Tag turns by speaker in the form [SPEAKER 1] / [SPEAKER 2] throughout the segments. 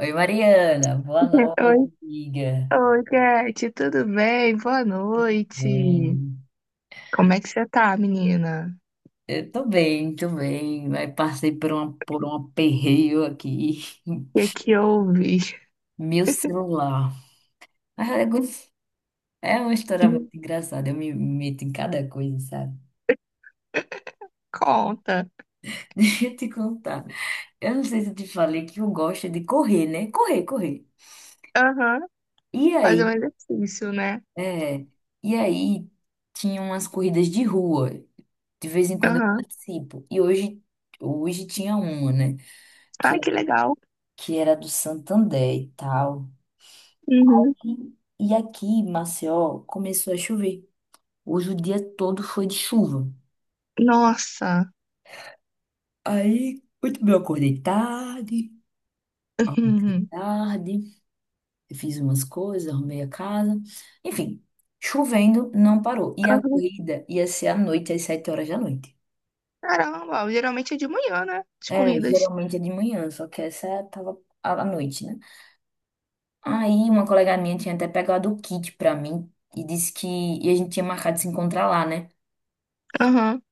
[SPEAKER 1] Oi, Mariana, boa
[SPEAKER 2] Oi,
[SPEAKER 1] noite, amiga.
[SPEAKER 2] oi, Cat, tudo bem? Boa noite.
[SPEAKER 1] Bem,
[SPEAKER 2] Como é que você tá, menina?
[SPEAKER 1] eu tô bem, mas passei por um aperreio aqui.
[SPEAKER 2] O que que houve?
[SPEAKER 1] Meu celular. Mas É go- É uma história
[SPEAKER 2] Me
[SPEAKER 1] muito engraçada, eu me meto em cada coisa, sabe?
[SPEAKER 2] Conta.
[SPEAKER 1] Deixa eu te contar. Eu não sei se eu te falei que eu gosto de correr, né? Correr, correr.
[SPEAKER 2] Aham,
[SPEAKER 1] E
[SPEAKER 2] fazer um
[SPEAKER 1] aí,
[SPEAKER 2] exercício, né?
[SPEAKER 1] é, e aí tinha umas corridas de rua. De vez em quando eu
[SPEAKER 2] Aham.
[SPEAKER 1] participo. E hoje, hoje tinha uma, né?
[SPEAKER 2] Ai, que legal.
[SPEAKER 1] Que era do Santander e tal.
[SPEAKER 2] Uhum.
[SPEAKER 1] E, e aqui, em Maceió, começou a chover. Hoje o dia todo foi de chuva.
[SPEAKER 2] Nossa.
[SPEAKER 1] Aí, muito bem, eu acordei
[SPEAKER 2] Uhum.
[SPEAKER 1] tarde, eu fiz umas coisas, arrumei a casa. Enfim, chovendo, não parou. E a
[SPEAKER 2] Aham.
[SPEAKER 1] corrida ia ser à noite, às 7 horas da noite.
[SPEAKER 2] Caramba, geralmente é de manhã, né? As
[SPEAKER 1] É,
[SPEAKER 2] corridas.
[SPEAKER 1] geralmente é de manhã, só que essa tava à noite, né? Aí uma colega minha tinha até pegado o kit pra mim e disse que e a gente tinha marcado de se encontrar lá, né?
[SPEAKER 2] Aham.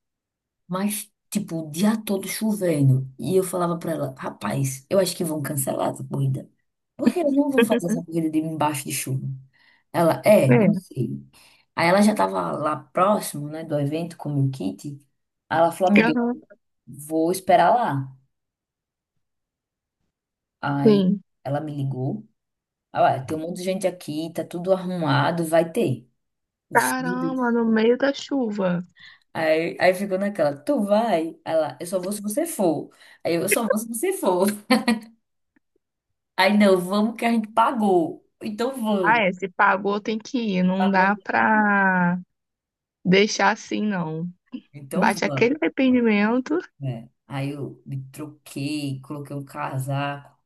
[SPEAKER 1] Mas, tipo, o dia todo chovendo. E eu falava pra ela, rapaz, eu acho que vão cancelar essa corrida. Porque eles não vão fazer essa corrida de embaixo de chuva. Ela, é, não
[SPEAKER 2] É.
[SPEAKER 1] sei. Aí ela já tava lá próximo, né, do evento com o meu kit. Aí ela falou, amiga,
[SPEAKER 2] Aham.
[SPEAKER 1] vou esperar lá. Aí
[SPEAKER 2] Sim.
[SPEAKER 1] ela me ligou. Ah, ué, tem um monte de gente aqui, tá tudo arrumado, vai ter. Eu disse, "Meu
[SPEAKER 2] Caramba,
[SPEAKER 1] Deus."
[SPEAKER 2] no meio da chuva.
[SPEAKER 1] Aí, aí ficou naquela, tu vai? Ela, eu só vou se você for. Aí eu só vou se você for. Aí, não, vamos que a gente pagou. Então
[SPEAKER 2] Ah,
[SPEAKER 1] vamos.
[SPEAKER 2] é, se pagou tem que ir, não
[SPEAKER 1] Pagou
[SPEAKER 2] dá
[SPEAKER 1] aqui.
[SPEAKER 2] pra deixar assim, não.
[SPEAKER 1] Então
[SPEAKER 2] Bate
[SPEAKER 1] vamos,
[SPEAKER 2] aquele arrependimento,
[SPEAKER 1] né? Aí eu me troquei, coloquei um casaco,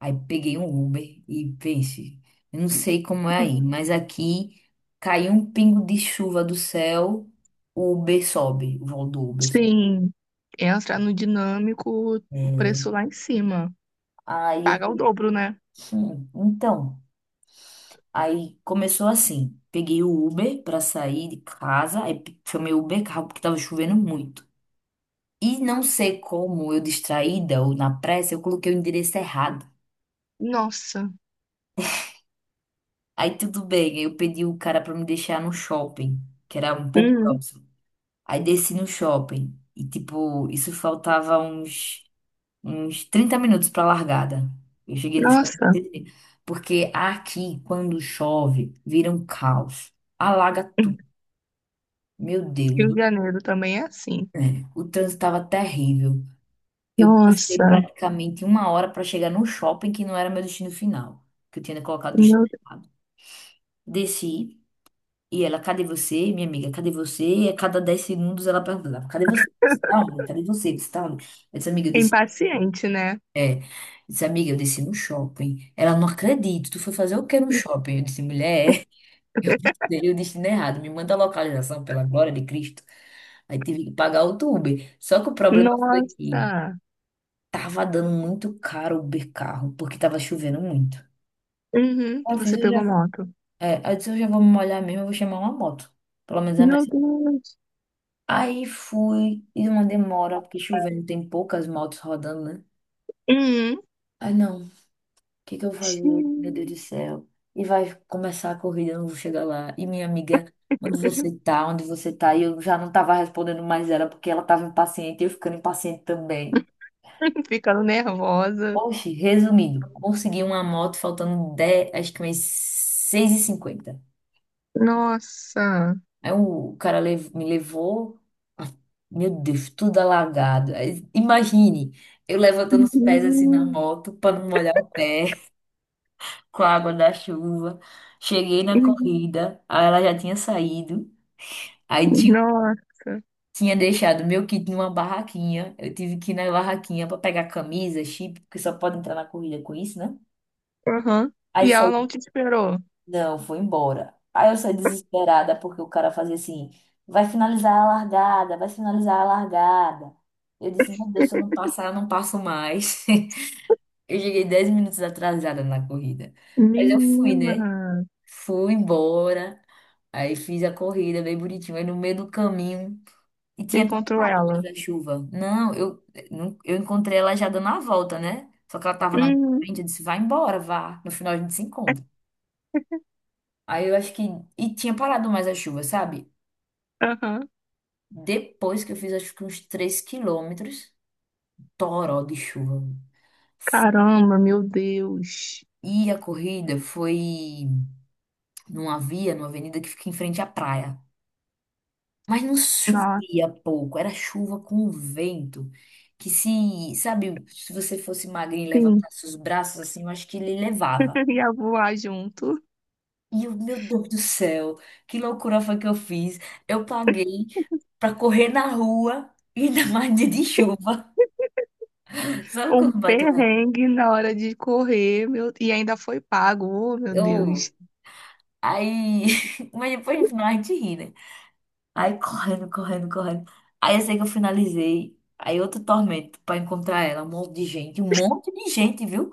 [SPEAKER 1] aí peguei um Uber e pense, eu não sei como é aí, mas aqui caiu um pingo de chuva do céu, o Uber sobe, o voo do Uber sobe.
[SPEAKER 2] sim, entra no dinâmico,
[SPEAKER 1] É.
[SPEAKER 2] o preço lá em cima.
[SPEAKER 1] Aí eu
[SPEAKER 2] Paga o
[SPEAKER 1] falei,
[SPEAKER 2] dobro, né?
[SPEAKER 1] Então, aí começou assim, peguei o Uber para sair de casa, aí chamei o Uber carro porque tava chovendo muito. E não sei como, eu distraída ou na pressa, eu coloquei o endereço errado.
[SPEAKER 2] Nossa,
[SPEAKER 1] Aí tudo bem, eu pedi o cara pra me deixar no shopping, que era um pouco
[SPEAKER 2] hum,
[SPEAKER 1] próximo. Aí desci no shopping e tipo, isso faltava uns 30 minutos pra largada. Eu cheguei no
[SPEAKER 2] nossa.
[SPEAKER 1] shopping, porque aqui quando chove, vira um caos, alaga
[SPEAKER 2] Hum,
[SPEAKER 1] tudo. Meu
[SPEAKER 2] Rio de
[SPEAKER 1] Deus,
[SPEAKER 2] Janeiro também é assim.
[SPEAKER 1] é, o trânsito estava terrível. Eu passei
[SPEAKER 2] Nossa,
[SPEAKER 1] praticamente uma hora para chegar no shopping, que não era meu destino final, que eu tinha colocado o destino
[SPEAKER 2] meu...
[SPEAKER 1] errado. Desci, e ela, cadê você, minha amiga? Cadê você? E a cada 10 segundos ela perguntava, cadê você? Você tá onde? Cadê você? Você tá onde? Eu disse, amiga, eu
[SPEAKER 2] é
[SPEAKER 1] desci,
[SPEAKER 2] impaciente, né?
[SPEAKER 1] eu disse, amiga, eu desci no shopping. Ela, não acredito, tu foi fazer o que no shopping? Eu disse, mulher, eu dei o destino errado, me manda a localização, pela glória de Cristo. Aí tive que pagar outro Uber. Só que o problema foi que
[SPEAKER 2] Nossa,
[SPEAKER 1] tava dando muito caro o Uber carro, porque tava chovendo muito.
[SPEAKER 2] uhum,
[SPEAKER 1] Aí Eu fiz,
[SPEAKER 2] você
[SPEAKER 1] eu já,
[SPEAKER 2] pegou moto.
[SPEAKER 1] é, aí eu disse, eu já vou me molhar mesmo, eu vou chamar uma moto. Pelo menos é mais.
[SPEAKER 2] Meu Deus,
[SPEAKER 1] Aí fui, e uma demora, porque chovendo tem poucas motos rodando, né?
[SPEAKER 2] uhum.
[SPEAKER 1] Ai, não, o que que eu vou fazer hoje? Meu Deus do
[SPEAKER 2] Xiii.
[SPEAKER 1] céu. E vai começar a corrida, eu não vou chegar lá. E minha amiga, onde você tá? Onde você tá? E eu já não tava respondendo mais ela, porque ela tava impaciente, e eu ficando impaciente também.
[SPEAKER 2] Ficando nervosa.
[SPEAKER 1] Oxe, resumindo, consegui uma moto faltando 10, acho que umas 6:50.
[SPEAKER 2] Nossa,
[SPEAKER 1] Aí o cara me levou, ah, meu Deus, tudo alagado. Aí, imagine, eu levantando os pés assim na
[SPEAKER 2] uhum.
[SPEAKER 1] moto para não molhar o pé com a água da chuva. Cheguei na
[SPEAKER 2] Uhum.
[SPEAKER 1] corrida, aí ela já tinha saído. Aí tinha,
[SPEAKER 2] Nossa.
[SPEAKER 1] tinha deixado meu kit numa barraquinha. Eu tive que ir na barraquinha para pegar camisa, chip, porque só pode entrar na corrida com isso, né?
[SPEAKER 2] Aham.
[SPEAKER 1] Aí
[SPEAKER 2] E ela não
[SPEAKER 1] saí
[SPEAKER 2] te esperou.
[SPEAKER 1] Não, foi embora. Aí eu saí desesperada porque o cara fazia assim, vai finalizar a largada, vai finalizar a largada. Eu disse, meu Deus, se eu não passar, eu não passo mais. Eu cheguei 10 minutos atrasada na corrida. Mas eu fui,
[SPEAKER 2] Menina,
[SPEAKER 1] né? Fui embora. Aí fiz a corrida bem bonitinho. Aí no meio do caminho. E tinha
[SPEAKER 2] encontrou
[SPEAKER 1] tocado mais
[SPEAKER 2] ela.
[SPEAKER 1] a chuva. Não, eu encontrei ela já dando a volta, né? Só que ela tava na minha
[SPEAKER 2] Hum,
[SPEAKER 1] frente. Eu disse, vai embora, vá. No final a gente se encontra. Aí eu acho que. E tinha parado mais a chuva, sabe?
[SPEAKER 2] aham.
[SPEAKER 1] Depois que eu fiz acho que uns 3 quilômetros, toró de chuva.
[SPEAKER 2] Caramba, meu Deus.
[SPEAKER 1] E a corrida foi numa via, numa avenida que fica em frente à praia. Mas não
[SPEAKER 2] Nossa,
[SPEAKER 1] chovia pouco, era chuva com vento. Que se, sabe, se você fosse magrinho e
[SPEAKER 2] sim.
[SPEAKER 1] levantasse os braços assim, eu acho que ele levava.
[SPEAKER 2] Ia voar junto.
[SPEAKER 1] E eu, meu Deus do céu, que loucura foi que eu fiz. Eu paguei pra correr na rua, ainda mais dia de chuva. Sabe
[SPEAKER 2] Um
[SPEAKER 1] quando bateu raiva?
[SPEAKER 2] perrengue na hora de correr, meu... e ainda foi pago. Oh, meu Deus.
[SPEAKER 1] Eu. Aí. Mas depois no final a gente ri, né? Aí correndo, correndo, correndo. Aí eu sei que eu finalizei. Aí outro tormento pra encontrar ela. Um monte de gente, um monte de gente, viu?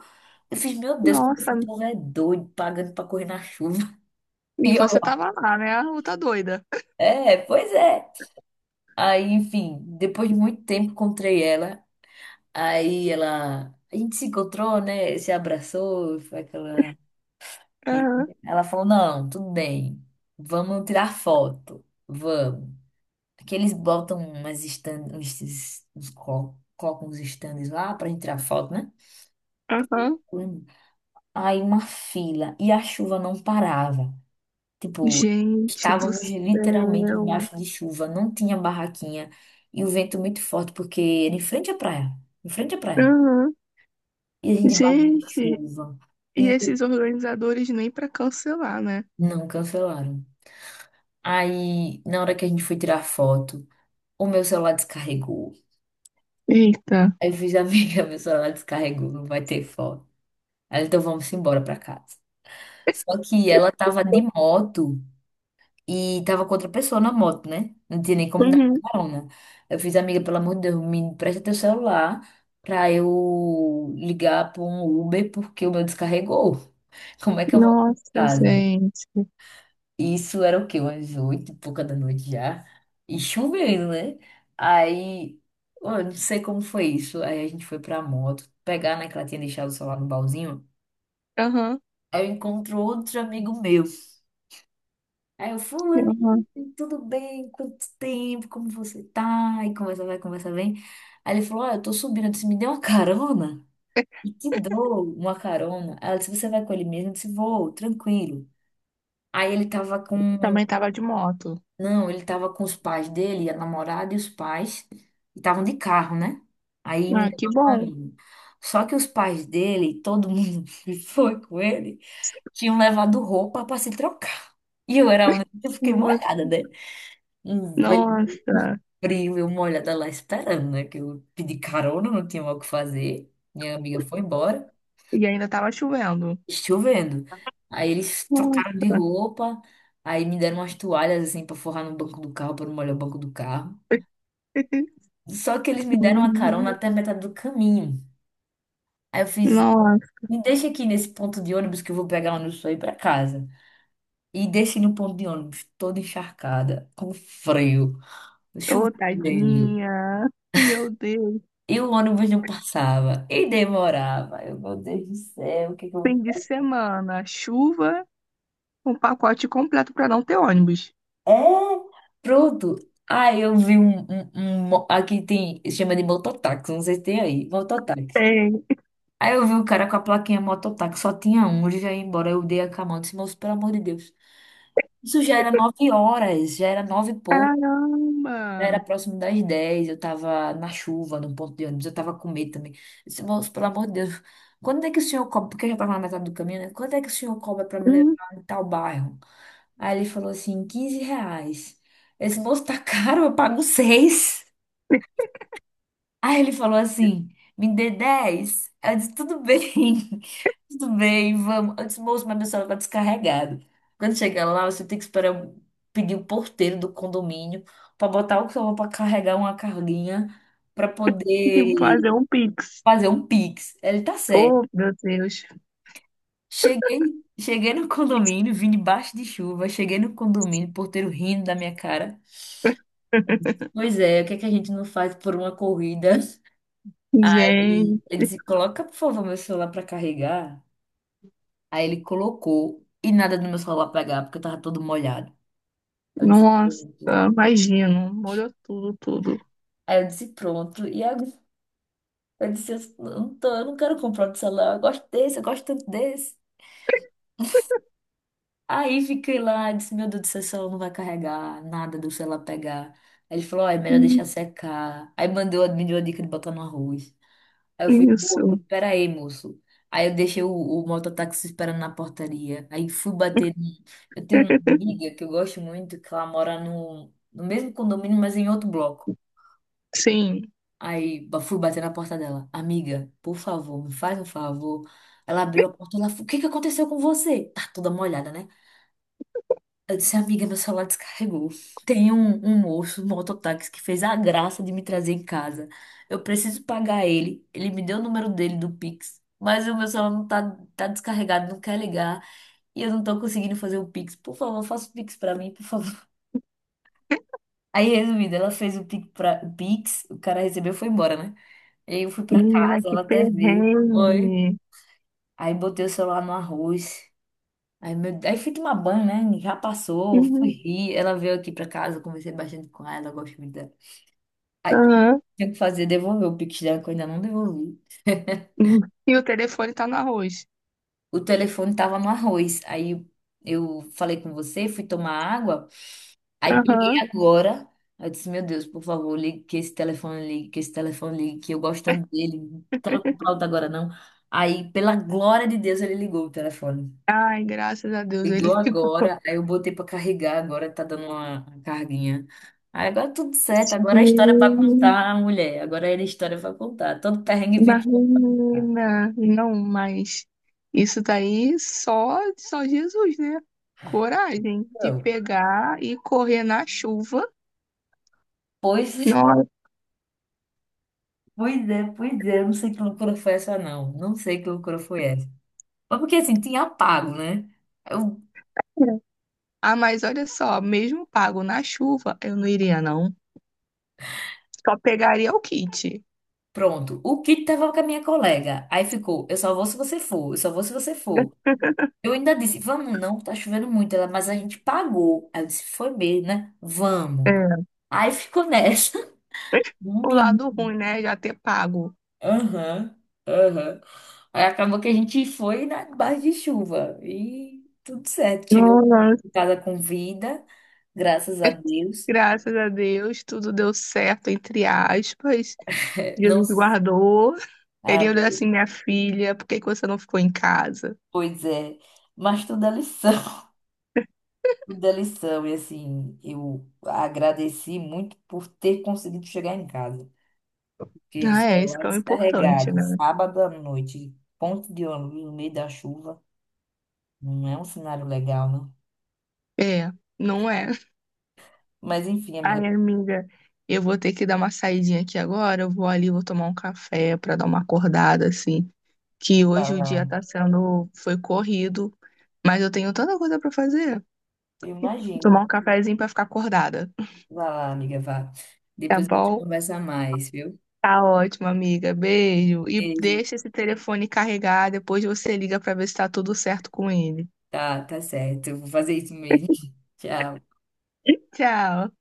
[SPEAKER 1] Eu fiz, meu Deus, como
[SPEAKER 2] Nossa,
[SPEAKER 1] esse povo é doido, pagando pra correr na chuva.
[SPEAKER 2] e
[SPEAKER 1] E eu,
[SPEAKER 2] você tava lá, né? Ou tá doida?
[SPEAKER 1] é, pois é. Aí, enfim, depois de muito tempo encontrei ela. Aí ela. A gente se encontrou, né? Se abraçou, foi aquela.
[SPEAKER 2] Aham,
[SPEAKER 1] Ela falou: não, tudo bem, vamos tirar foto, vamos. Aqui eles botam umas stand, colocam uns stands lá pra gente tirar foto, né?
[SPEAKER 2] aham.
[SPEAKER 1] Hum. Aí uma fila e a chuva não parava. Tipo,
[SPEAKER 2] Gente do
[SPEAKER 1] estávamos literalmente
[SPEAKER 2] céu.
[SPEAKER 1] embaixo de chuva, não tinha barraquinha e o vento muito forte, porque era em frente à praia, em frente à praia.
[SPEAKER 2] Aham.
[SPEAKER 1] E a gente embaixo de
[SPEAKER 2] Gente,
[SPEAKER 1] chuva
[SPEAKER 2] e
[SPEAKER 1] e
[SPEAKER 2] esses organizadores nem pra cancelar, né?
[SPEAKER 1] não cancelaram. Aí, na hora que a gente foi tirar foto, o meu celular descarregou.
[SPEAKER 2] Eita.
[SPEAKER 1] Aí eu fiz, amiga, meu celular descarregou, não vai ter foto. Aí, então vamos embora pra casa. Só que ela tava de moto e tava com outra pessoa na moto, né? Não tinha nem como dar
[SPEAKER 2] Uhum.
[SPEAKER 1] carona. Eu fiz, amiga, pelo amor de Deus, me empresta teu celular pra eu ligar pra um Uber porque o meu descarregou. Como é que eu vou pra
[SPEAKER 2] Nossa,
[SPEAKER 1] casa?
[SPEAKER 2] gente.
[SPEAKER 1] Isso era o quê? Umas oito e pouca da noite já. E chovendo, né? Aí, ó, eu não sei como foi isso. Aí a gente foi pra moto pegar, né? Que ela tinha deixado o celular no baúzinho.
[SPEAKER 2] Aham.
[SPEAKER 1] Aí eu encontro outro amigo meu. Aí eu, fulano,
[SPEAKER 2] Uhum.
[SPEAKER 1] tudo bem? Quanto tempo? Como você tá? E conversa vai, conversa vem. Aí ele falou, ó, eu tô subindo. Eu disse, me dê uma carona. E te dou uma carona. Aí ela disse, você vai com ele mesmo? Eu disse, vou, tranquilo. Aí ele tava com
[SPEAKER 2] Também tava de moto.
[SPEAKER 1] Não, ele tava com os pais dele, a namorada e os pais, e estavam de carro, né? Aí me
[SPEAKER 2] Ah,
[SPEAKER 1] deu
[SPEAKER 2] que
[SPEAKER 1] uma
[SPEAKER 2] bom.
[SPEAKER 1] carona. Só que os pais dele, todo mundo que foi com ele, tinham levado roupa para se trocar. E eu era a única que fiquei molhada, né? Um vento, um
[SPEAKER 2] Nossa.
[SPEAKER 1] frio, eu molhada lá esperando, né? Que eu pedi carona, não tinha mais o que fazer. Minha amiga foi embora
[SPEAKER 2] E ainda tava chovendo.
[SPEAKER 1] chovendo. Aí eles trocaram
[SPEAKER 2] Nossa.
[SPEAKER 1] de roupa, aí me deram umas toalhas assim pra forrar no banco do carro, para não molhar o banco do carro. Só que eles me deram uma carona até a metade do caminho. Aí eu fiz,
[SPEAKER 2] Nossa,
[SPEAKER 1] me deixa aqui nesse ponto de ônibus que eu vou pegar ônibus pra ir pra casa. E desci no ponto de ônibus, toda encharcada, com frio,
[SPEAKER 2] ô,
[SPEAKER 1] chovendo.
[SPEAKER 2] tadinha. Meu Deus.
[SPEAKER 1] E o ônibus não passava, e demorava. Eu, meu Deus do céu, o que é que eu
[SPEAKER 2] Fim
[SPEAKER 1] vou.
[SPEAKER 2] de semana, chuva, um pacote completo pra não ter ônibus.
[SPEAKER 1] É, pronto. Aí eu vi aqui tem. Chama de mototáxi, não sei se tem aí. Mototáxi.
[SPEAKER 2] Tem.
[SPEAKER 1] Aí eu vi o cara com a plaquinha mototáxi, só tinha um, ele já ia embora. Eu dei a camada, disse, moço, pelo amor de Deus. Isso já era 9 horas, já era nove e pouco,
[SPEAKER 2] Caramba.
[SPEAKER 1] já era próximo das dez. Eu tava na chuva, no ponto de ônibus, eu tava com medo também. Eu disse, moço, pelo amor de Deus, quando é que o senhor cobra? Porque eu já tava na metade do caminho, né? Quando é que o senhor cobra pra me levar
[SPEAKER 2] Hum,
[SPEAKER 1] em tal bairro? Aí ele falou assim, R$ 15. Esse moço tá caro, eu pago seis.
[SPEAKER 2] tem
[SPEAKER 1] Aí ele falou assim, me dê 10. Eu disse, tudo bem, tudo bem, vamos. Eu disse, moço, mas meu celular tá descarregado. Quando chegar lá, você tem que esperar pedir o porteiro do condomínio para botar o celular para carregar uma carguinha para
[SPEAKER 2] que
[SPEAKER 1] poder
[SPEAKER 2] fazer um Pix.
[SPEAKER 1] fazer um Pix. Ele tá certo.
[SPEAKER 2] Oh, meu Deus.
[SPEAKER 1] Cheguei, cheguei no condomínio, vim debaixo de chuva, cheguei no condomínio, porteiro rindo da minha cara. Pois é, o que é que a gente não faz por uma corrida? E
[SPEAKER 2] Gente.
[SPEAKER 1] ele disse, coloca, por favor, meu celular pra carregar. Aí ele colocou e nada do meu celular pegar, porque eu tava todo molhado. Eu disse,
[SPEAKER 2] Nossa,
[SPEAKER 1] pronto.
[SPEAKER 2] imagino, molhou tudo, tudo.
[SPEAKER 1] Aí eu disse, pronto. E agora? Eu disse, eu não tô, eu não quero comprar outro celular, eu gosto desse, eu gosto tanto desse. Aí fiquei lá, disse, meu Deus do céu, esse celular não vai carregar, nada do celular pegar. Aí ele falou, ó, é melhor
[SPEAKER 2] Hum,
[SPEAKER 1] deixar secar. Aí mandou, me deu a dica de botar no arroz. Aí eu falei, moço,
[SPEAKER 2] Isso,
[SPEAKER 1] pera aí, moço. Aí eu deixei o mototáxi esperando na portaria. Aí fui bater. Eu tenho uma amiga que eu gosto muito, que ela mora no mesmo condomínio, mas em outro bloco.
[SPEAKER 2] sim.
[SPEAKER 1] Fui bater na porta dela. Amiga, por favor, me faz um favor. Ela abriu a porta, ela falou, o que que aconteceu com você? Tá toda molhada, né? Eu disse, amiga, meu celular descarregou. Tem um moço, um mototáxi, que fez a graça de me trazer em casa. Eu preciso pagar ele. Ele me deu o número dele do Pix, mas o meu celular não tá descarregado, não quer ligar. E eu não tô conseguindo fazer o Pix. Por favor, faça o Pix pra mim, por favor. Aí, resumindo, ela fez o Pix, o cara recebeu e foi embora, né? E aí eu fui pra
[SPEAKER 2] Menina,
[SPEAKER 1] casa,
[SPEAKER 2] que
[SPEAKER 1] ela até veio. Oi.
[SPEAKER 2] perrengue.
[SPEAKER 1] Aí botei o celular no arroz. Aí, fui tomar banho, né? Já passou, fui
[SPEAKER 2] Uhum.
[SPEAKER 1] rir. Ela veio aqui pra casa, conversei bastante com ela, gosto muito dela. Aí,
[SPEAKER 2] Aham.
[SPEAKER 1] tinha que fazer, devolver o Pix dela, que eu ainda não devolvi.
[SPEAKER 2] Hum. E o telefone tá no arroz.
[SPEAKER 1] O telefone tava no arroz. Aí eu falei com você, fui tomar água. Aí peguei
[SPEAKER 2] Aham.
[SPEAKER 1] agora. Aí eu disse, meu Deus, por favor, ligue que esse telefone ligue, que esse telefone ligue, que eu gosto tanto dele. Não quero comprar outro agora, não. Aí, pela glória de Deus, ele ligou o telefone.
[SPEAKER 2] Ai, graças a Deus, ele
[SPEAKER 1] Ligou
[SPEAKER 2] ligou.
[SPEAKER 1] agora, aí eu botei pra carregar, agora tá dando uma carguinha. Aí agora tudo certo, agora é história pra
[SPEAKER 2] Hum,
[SPEAKER 1] contar, mulher. Agora é história pra contar. Todo perrengue vista.
[SPEAKER 2] Marina, não, mas isso daí só, só Jesus, né? Coragem de
[SPEAKER 1] Então,
[SPEAKER 2] pegar e correr na chuva.
[SPEAKER 1] pois,
[SPEAKER 2] Nossa.
[SPEAKER 1] pois é, pois é. Eu não sei que loucura foi essa, não. Não sei que loucura foi essa. Mas porque assim, tinha pago, né? Eu,
[SPEAKER 2] Ah, mas olha só, mesmo pago na chuva, eu não iria, não. Só pegaria o kit.
[SPEAKER 1] pronto, o kit tava com a minha colega. Aí ficou, eu só vou se você for, eu só vou se você for. Eu ainda disse, vamos não, tá chovendo muito. Ela, mas a gente pagou. Aí eu disse, foi mesmo, né? Vamos.
[SPEAKER 2] É.
[SPEAKER 1] Aí ficou nessa.
[SPEAKER 2] O
[SPEAKER 1] Menino.
[SPEAKER 2] lado ruim, né? Já ter pago.
[SPEAKER 1] Aham, aham. Aí acabou que a gente foi na base de chuva. E tudo certo. Chegamos
[SPEAKER 2] Nossa.
[SPEAKER 1] em casa com vida, graças a Deus.
[SPEAKER 2] Graças a Deus, tudo deu certo, entre aspas.
[SPEAKER 1] É, não
[SPEAKER 2] Jesus
[SPEAKER 1] se...
[SPEAKER 2] guardou. Ele olhou assim,
[SPEAKER 1] Amei.
[SPEAKER 2] minha filha, por que que você não ficou em casa?
[SPEAKER 1] Pois é. Mas tudo é lição. Tudo é lição. E assim, eu agradeci muito por ter conseguido chegar em casa. Que
[SPEAKER 2] Ah, é, isso
[SPEAKER 1] celular
[SPEAKER 2] que é o importante,
[SPEAKER 1] descarregado,
[SPEAKER 2] né?
[SPEAKER 1] sábado à noite, ponto de ônibus no meio da chuva, não é um cenário legal, não.
[SPEAKER 2] É, não é.
[SPEAKER 1] Mas enfim, amiga,
[SPEAKER 2] Ai, amiga, eu vou ter que dar uma saidinha aqui agora. Eu vou ali, vou tomar um café pra dar uma acordada, assim, que
[SPEAKER 1] vá
[SPEAKER 2] hoje o
[SPEAKER 1] lá.
[SPEAKER 2] dia tá sendo, foi corrido, mas eu tenho tanta coisa pra fazer.
[SPEAKER 1] Eu
[SPEAKER 2] Vou tomar
[SPEAKER 1] imagino.
[SPEAKER 2] um cafezinho pra ficar acordada.
[SPEAKER 1] Vai lá, amiga, vá.
[SPEAKER 2] Tá
[SPEAKER 1] Depois a gente
[SPEAKER 2] bom?
[SPEAKER 1] conversa mais, viu?
[SPEAKER 2] Tá ótimo, amiga. Beijo. E
[SPEAKER 1] Beijo.
[SPEAKER 2] deixa esse telefone carregar, depois você liga pra ver se tá tudo certo com ele.
[SPEAKER 1] Tá, tá certo. Eu vou fazer isso mesmo. Tchau.
[SPEAKER 2] Tchau.